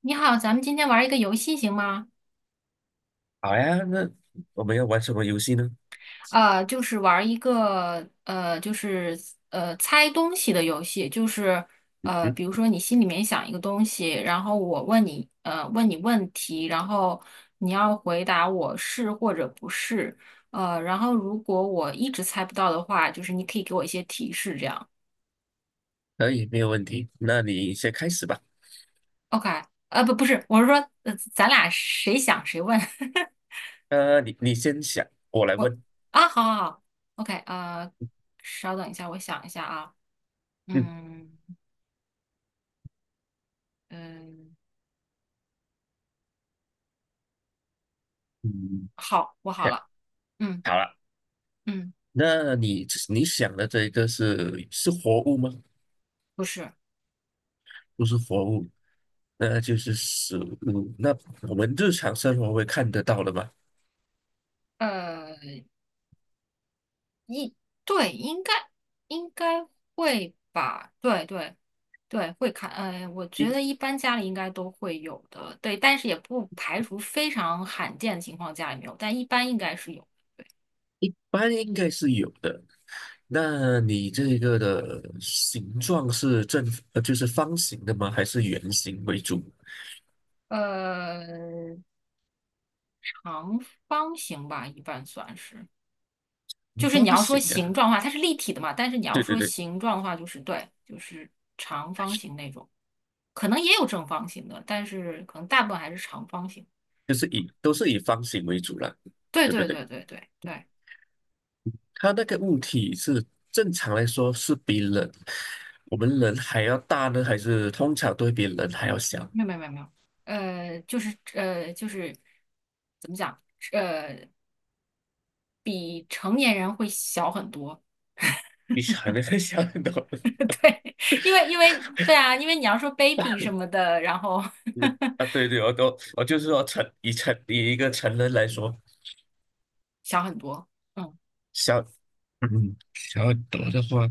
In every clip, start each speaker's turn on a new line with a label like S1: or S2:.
S1: 你好，咱们今天玩一个游戏行吗？
S2: 好呀，那我们要玩什么游戏呢？
S1: 就是玩一个就是猜东西的游戏，就是
S2: 嗯，
S1: 比如说你心里面想一个东西，然后我问你问你问题，然后你要回答我是或者不是，然后如果我一直猜不到的话，就是你可以给我一些提示，这样。
S2: 可以，没有问题。那你先开始吧。
S1: OK，不是，我是说，咱俩谁想谁问。
S2: 你先想，我来
S1: 我
S2: 问。
S1: 啊，好好好，OK，稍等一下，我想一下啊。
S2: 嗯
S1: 嗯嗯，
S2: 嗯，
S1: 好，我好
S2: 想
S1: 了。嗯
S2: 好了。
S1: 嗯，
S2: 那你想的这一个是活物吗？
S1: 不是，
S2: 不是活物，那就是食物。那我们日常生活会看得到的吗？
S1: 呃，一对，应该应该会吧？对对对，会看。我觉
S2: 一
S1: 得一般家里应该都会有的，对，但是也不排除非常罕见的情况家里没有，但一般应该是有。
S2: 一般应该是有的。那你这个的形状是就是方形的吗？还是圆形为主？
S1: 呃，长方形吧，一般算是。就是你
S2: 方
S1: 要说
S2: 形
S1: 形
S2: 呀、
S1: 状的话，它是立体的嘛，但是你要
S2: 对对
S1: 说
S2: 对。
S1: 形状的话，就是对，就是长方形那种。可能也有正方形的，但是可能大部分还是长方形。
S2: 就是都是以方形为主了，
S1: 对
S2: 对不
S1: 对
S2: 对？
S1: 对对对对，
S2: 它那个物体是正常来说是比人，我们人还要大呢，还是通常都会比人还要小？
S1: 没有没有没有没有就是怎么讲，呃，比成年人会小很多，
S2: 比成人还小很多。
S1: 对，因为对啊，因为你要说 baby 什么的，然后
S2: 那 对对，我就是说成以一个成人来说，
S1: 小很多，嗯，
S2: 小小很多的话，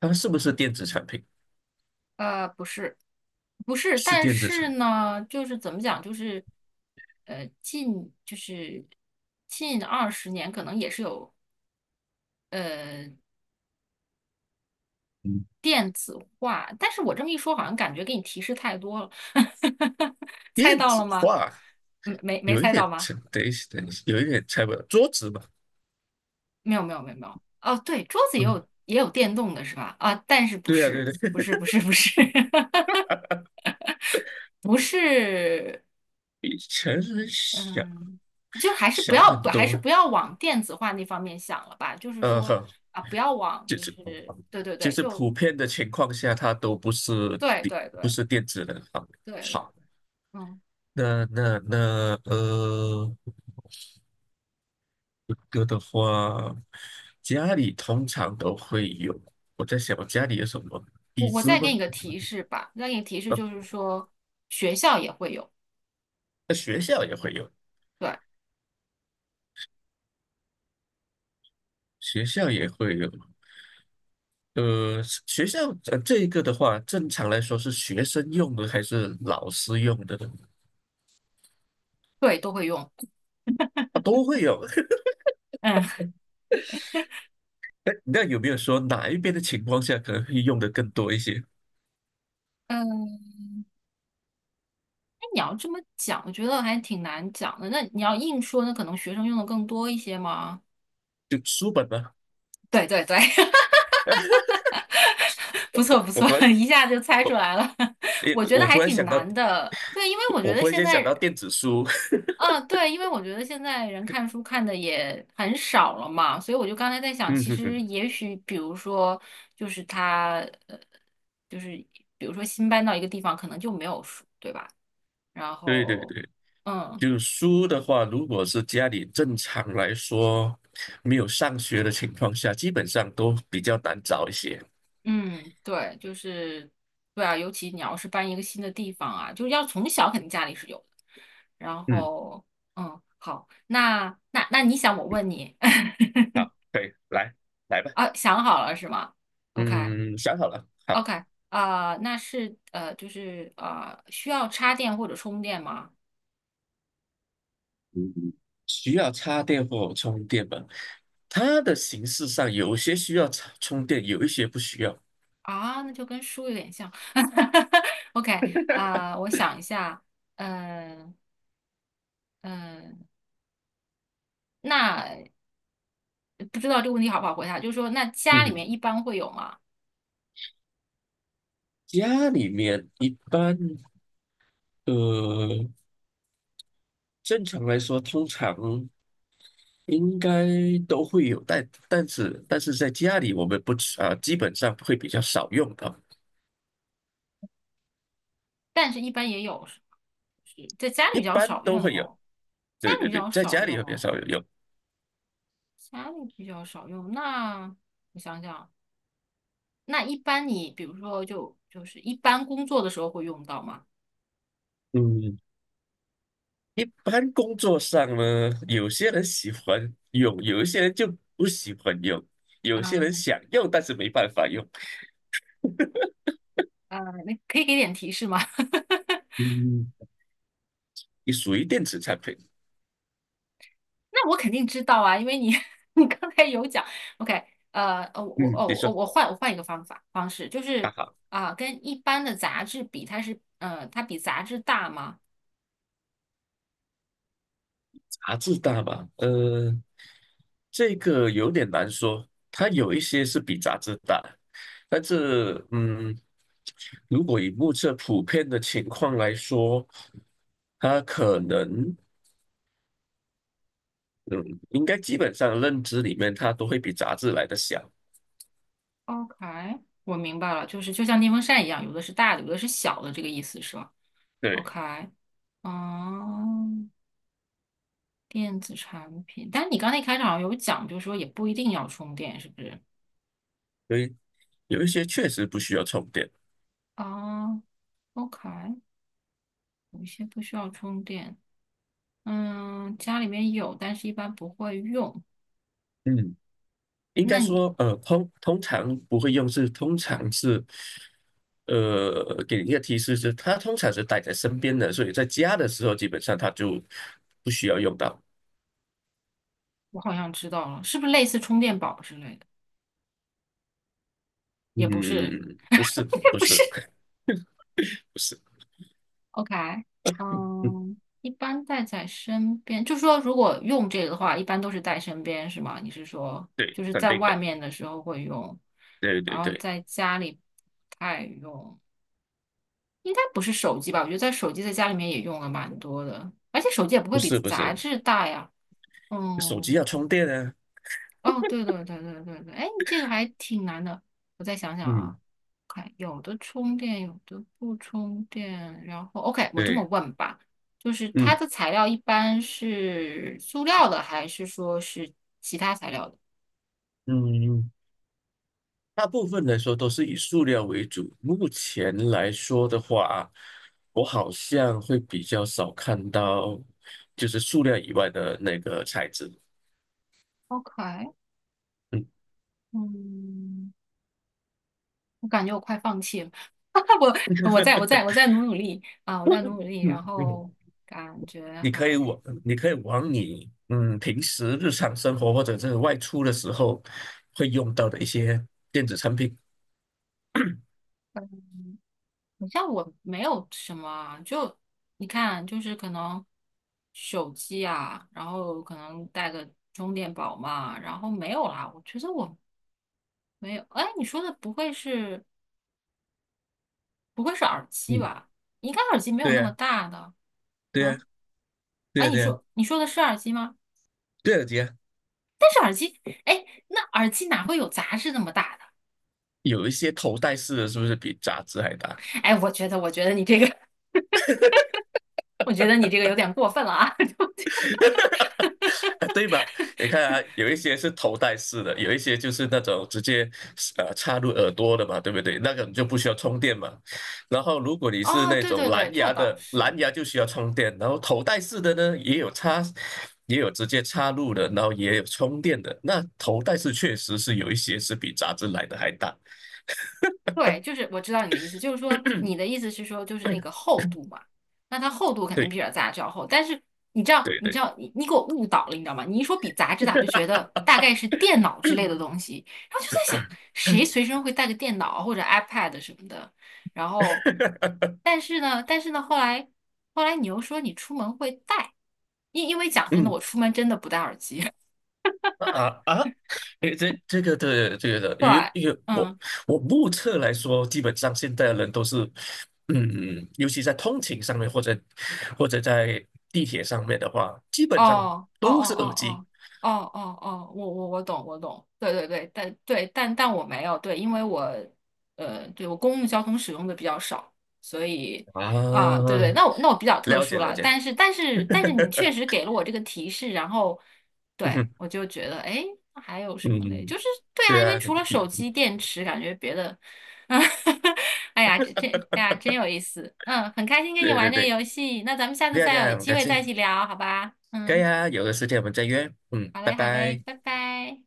S2: 它是不是电子产品？
S1: 不是不是，
S2: 是
S1: 但
S2: 电子产
S1: 是
S2: 品。
S1: 呢，就是怎么讲，就是呃近就是近20年可能也是有。呃。
S2: 嗯
S1: 电子化，但是我这么一说，好像感觉给你提示太多了，猜
S2: 电
S1: 到了
S2: 子
S1: 吗？
S2: 化。
S1: 没
S2: 有一
S1: 猜到
S2: 点
S1: 吗？
S2: 等一下等一下，有一点猜不到桌子嘛。
S1: 没有没有没有没有。哦，对，桌子也
S2: 嗯，
S1: 有也有电动的是吧？啊，但是不
S2: 对啊，对
S1: 是
S2: 对，
S1: 不 是不是不是 不是，
S2: 比成人小。
S1: 嗯，就还是不
S2: 小很
S1: 要不还是
S2: 多，
S1: 不要往电子化那方面想了吧，就是
S2: 呃，
S1: 说
S2: 呵
S1: 啊，不要往
S2: 就
S1: 就
S2: 是
S1: 是对对
S2: 就
S1: 对，
S2: 是
S1: 就
S2: 普遍的情况下，它都不是
S1: 对
S2: 电
S1: 对
S2: 不
S1: 对
S2: 是电子的。好，
S1: 对对，
S2: 好，
S1: 嗯。
S2: 那，一个的话，家里通常都会有。我在想，我家里有什么
S1: 我
S2: 椅
S1: 我
S2: 子
S1: 再
S2: 吗？
S1: 给你个提示吧，再给你提示
S2: 呃，
S1: 就是说，学校也会有，
S2: 那学校也会有，
S1: 对
S2: 学校也会有。呃，学校，这一个的话，正常来说是学生用的还是老师用的呢？
S1: 对，都会用。
S2: 啊，都会有，
S1: 嗯
S2: 那有没有说哪一边的情况下可能会用的更多一些？
S1: 嗯，那你要这么讲，我觉得还挺难讲的。那你要硬说，那可能学生用的更多一些吗？
S2: 就书本吗？
S1: 对对对，不错不
S2: 我
S1: 错，
S2: 忽然，
S1: 一下就猜出
S2: 我
S1: 来了。
S2: 诶，
S1: 我觉得
S2: 我
S1: 还
S2: 忽然
S1: 挺
S2: 想到，
S1: 难的，对，因为我觉
S2: 我
S1: 得
S2: 忽然
S1: 现
S2: 间
S1: 在
S2: 想到电子书。
S1: 啊，对，因为我觉得现在人看书看的也很少了嘛，所以我就刚才在想，其实
S2: 嗯，
S1: 也许，比如说，就是他，呃，就是比如说新搬到一个地方，可能就没有书，对吧？然
S2: 对对
S1: 后，
S2: 对，
S1: 嗯
S2: 就是书的话，如果是家里正常来说没有上学的情况下，基本上都比较难找一些。
S1: 嗯，对，就是对啊，尤其你要是搬一个新的地方啊，就是要从小肯定家里是有的。然
S2: 嗯，
S1: 后，嗯，好，那你想我问你
S2: 好，可以，来来 吧。
S1: 啊，想好了是吗？OK。
S2: 嗯，想好了，好，
S1: OK，啊、那是需要插电或者充电吗？
S2: 需要插电或充电吗？它的形式上有些需要插充电，有一些不需要。
S1: 啊，那就跟书有点像。OK，啊、我想一下，嗯、嗯、那不知道这个问题好不好回答，就是说，那家
S2: 嗯
S1: 里面
S2: 哼。
S1: 一般会有吗？
S2: 家里面一般，呃，正常来说，通常应该都会有，但是在家里我们不吃啊、基本上会比较少用到，
S1: 但是一般也有，是是在家里
S2: 一
S1: 比较
S2: 般
S1: 少用
S2: 都会有。
S1: 哦，家
S2: 对
S1: 里
S2: 对
S1: 比
S2: 对，
S1: 较
S2: 在
S1: 少
S2: 家里
S1: 用
S2: 会比较
S1: 哦，
S2: 少有用。
S1: 家里比较少用。那我想想啊，那一般你比如说就是一般工作的时候会用到吗？
S2: 嗯，一般工作上呢，有些人喜欢用，有一些人就不喜欢用，有些
S1: 啊。
S2: 人想用但是没办法用。
S1: 啊，那可以给点提示吗？
S2: 嗯，你属于电子产品。
S1: 那我肯定知道啊，因为你 你刚才有讲，OK，呃，哦，我
S2: 嗯，
S1: 哦
S2: 你说
S1: 我我换我换一个方法方式，就是
S2: 啊，
S1: 啊、跟一般的杂志比，它是它比杂志大吗
S2: 杂志大吧，这个有点难说，它有一些是比杂志大，但是如果以目测普遍的情况来说，它可能嗯，应该基本上认知里面它都会比杂志来的小，
S1: ？OK，我明白了，就是就像电风扇一样，有的是大的，有的是小的，这个意思是吧
S2: 对，
S1: ？OK，哦电子产品，但是你刚才一开场好像有讲，就是说也不一定要充电，是不是？
S2: 所以有一些确实不需要充电，
S1: 啊 o k 有一些不需要充电。嗯，家里面有，但是一般不会用。
S2: 嗯。应
S1: 那
S2: 该
S1: 你，
S2: 说，通常不会用是，通常是，给你一个提示是，它通常是带在身边的，所以在家的时候，基本上它就不需要用到。
S1: 我好像知道了，是不是类似充电宝之类的？也不是。
S2: 嗯，不是，
S1: 也
S2: 不
S1: 不是，
S2: 是，不是，
S1: OK，
S2: 嗯，
S1: 嗯，一般带在身边，就说如果用这个的话，一般都是带身边，是吗？你是说
S2: 对，
S1: 就是
S2: 肯
S1: 在
S2: 定
S1: 外
S2: 的，
S1: 面的时候会用，
S2: 对
S1: 然
S2: 对
S1: 后
S2: 对，
S1: 在家里不太用，应该不是手机吧？我觉得在手机在家里面也用了蛮多的，而且手机也不
S2: 不
S1: 会比
S2: 是不
S1: 杂
S2: 是，
S1: 志大呀。
S2: 手机
S1: 嗯，
S2: 要充电啊，
S1: 哦，对对对对对对，哎，这个还挺难的。我再想想
S2: 嗯，
S1: 啊，看有的充电，有的不充电。然后，OK，我这么
S2: 对，
S1: 问吧，就是它
S2: 嗯
S1: 的材料一般是塑料的，还是说是其他材料的
S2: 嗯，大部分来说都是以塑料为主。目前来说的话啊，我好像会比较少看到，就是塑料以外的那个材质。
S1: ？OK，
S2: 嗯。
S1: 嗯，我感觉我快放弃了。我再努努力啊，我 再努努力，
S2: 嗯
S1: 然
S2: 嗯，
S1: 后感觉
S2: 你可以
S1: 还。
S2: 往你可以往你嗯平时日常生活或者是外出的时候会用到的一些电子产品。
S1: 好像我没有什么啊，就你看，就是可能手机啊，然后可能带个充电宝嘛，然后没有啦。我觉得我没有，哎，你说的不会是耳机
S2: 嗯，
S1: 吧？应该耳机没有
S2: 对
S1: 那么
S2: 呀，
S1: 大的
S2: 对呀，
S1: 啊。
S2: 对
S1: 哎，
S2: 呀，对呀，
S1: 你说的是耳机吗？
S2: 对呀，对呀，
S1: 哎，那耳机哪会有杂志那么大的？
S2: 有一些头戴式的是不是比杂志还大？
S1: 哎，我觉得，我觉得你这个，我觉得你这个有点过分了啊。
S2: 对吧？你看啊，有一些是头戴式的，有一些就是那种直接插入耳朵的嘛，对不对？那个你就不需要充电嘛。然后如果 你是
S1: 哦，
S2: 那
S1: 对
S2: 种
S1: 对
S2: 蓝
S1: 对，这
S2: 牙
S1: 倒
S2: 的，蓝
S1: 是。
S2: 牙就需要充电。然后头戴式的呢，也有插，也有直接插入的，然后也有充电的。那头戴式确实是有一些是比杂志来的还大。
S1: 对，就是我知道你的意思，就是说你 的意思是说就是 那个厚度嘛，那它厚度肯定比
S2: 对
S1: 杂志要厚，但是你知道，
S2: 对
S1: 你知
S2: 对，
S1: 道，你你给我误导了，你知道吗？你一说比杂志大，就觉得大概是 电脑之类的东西，然后就在想谁随身会带个电脑或者 iPad 什么的，然后，但是呢，后来后来你又说你出门会带，因为讲真的，
S2: 嗯，
S1: 我出门真的不戴耳机，
S2: 啊啊！诶，这个对这个的，
S1: 对，
S2: 因为我
S1: 嗯。
S2: 我目测来说，基本上现在的人都是，尤其在通勤上面或者在地铁上面的话，基本上
S1: 哦哦哦
S2: 都是耳机
S1: 哦哦哦哦哦，我懂，对对对，但对但但我没有对，因为我对我公共交通使用的比较少，所以啊，对
S2: 啊。
S1: 对，那我比较特
S2: 了
S1: 殊
S2: 解了
S1: 了，
S2: 解，
S1: 但是你确实给了我这个提示，然后 对
S2: 嗯
S1: 我就觉得哎，那还有什么嘞？
S2: 嗯，
S1: 就是对啊，
S2: 对
S1: 因为
S2: 啊，对
S1: 除了手机电池，感觉别的，哎呀，哎呀，真有意思，嗯，很开心跟你
S2: 对
S1: 玩
S2: 对，
S1: 这个
S2: 对
S1: 游戏，那咱们下次
S2: 啊对
S1: 再有
S2: 啊，很
S1: 机
S2: 开
S1: 会再
S2: 心，
S1: 一起聊，好吧？
S2: 可以
S1: 嗯。
S2: 啊，有的时间我们再约，嗯，
S1: 好
S2: 拜
S1: 嘞，好嘞，
S2: 拜。
S1: 拜拜。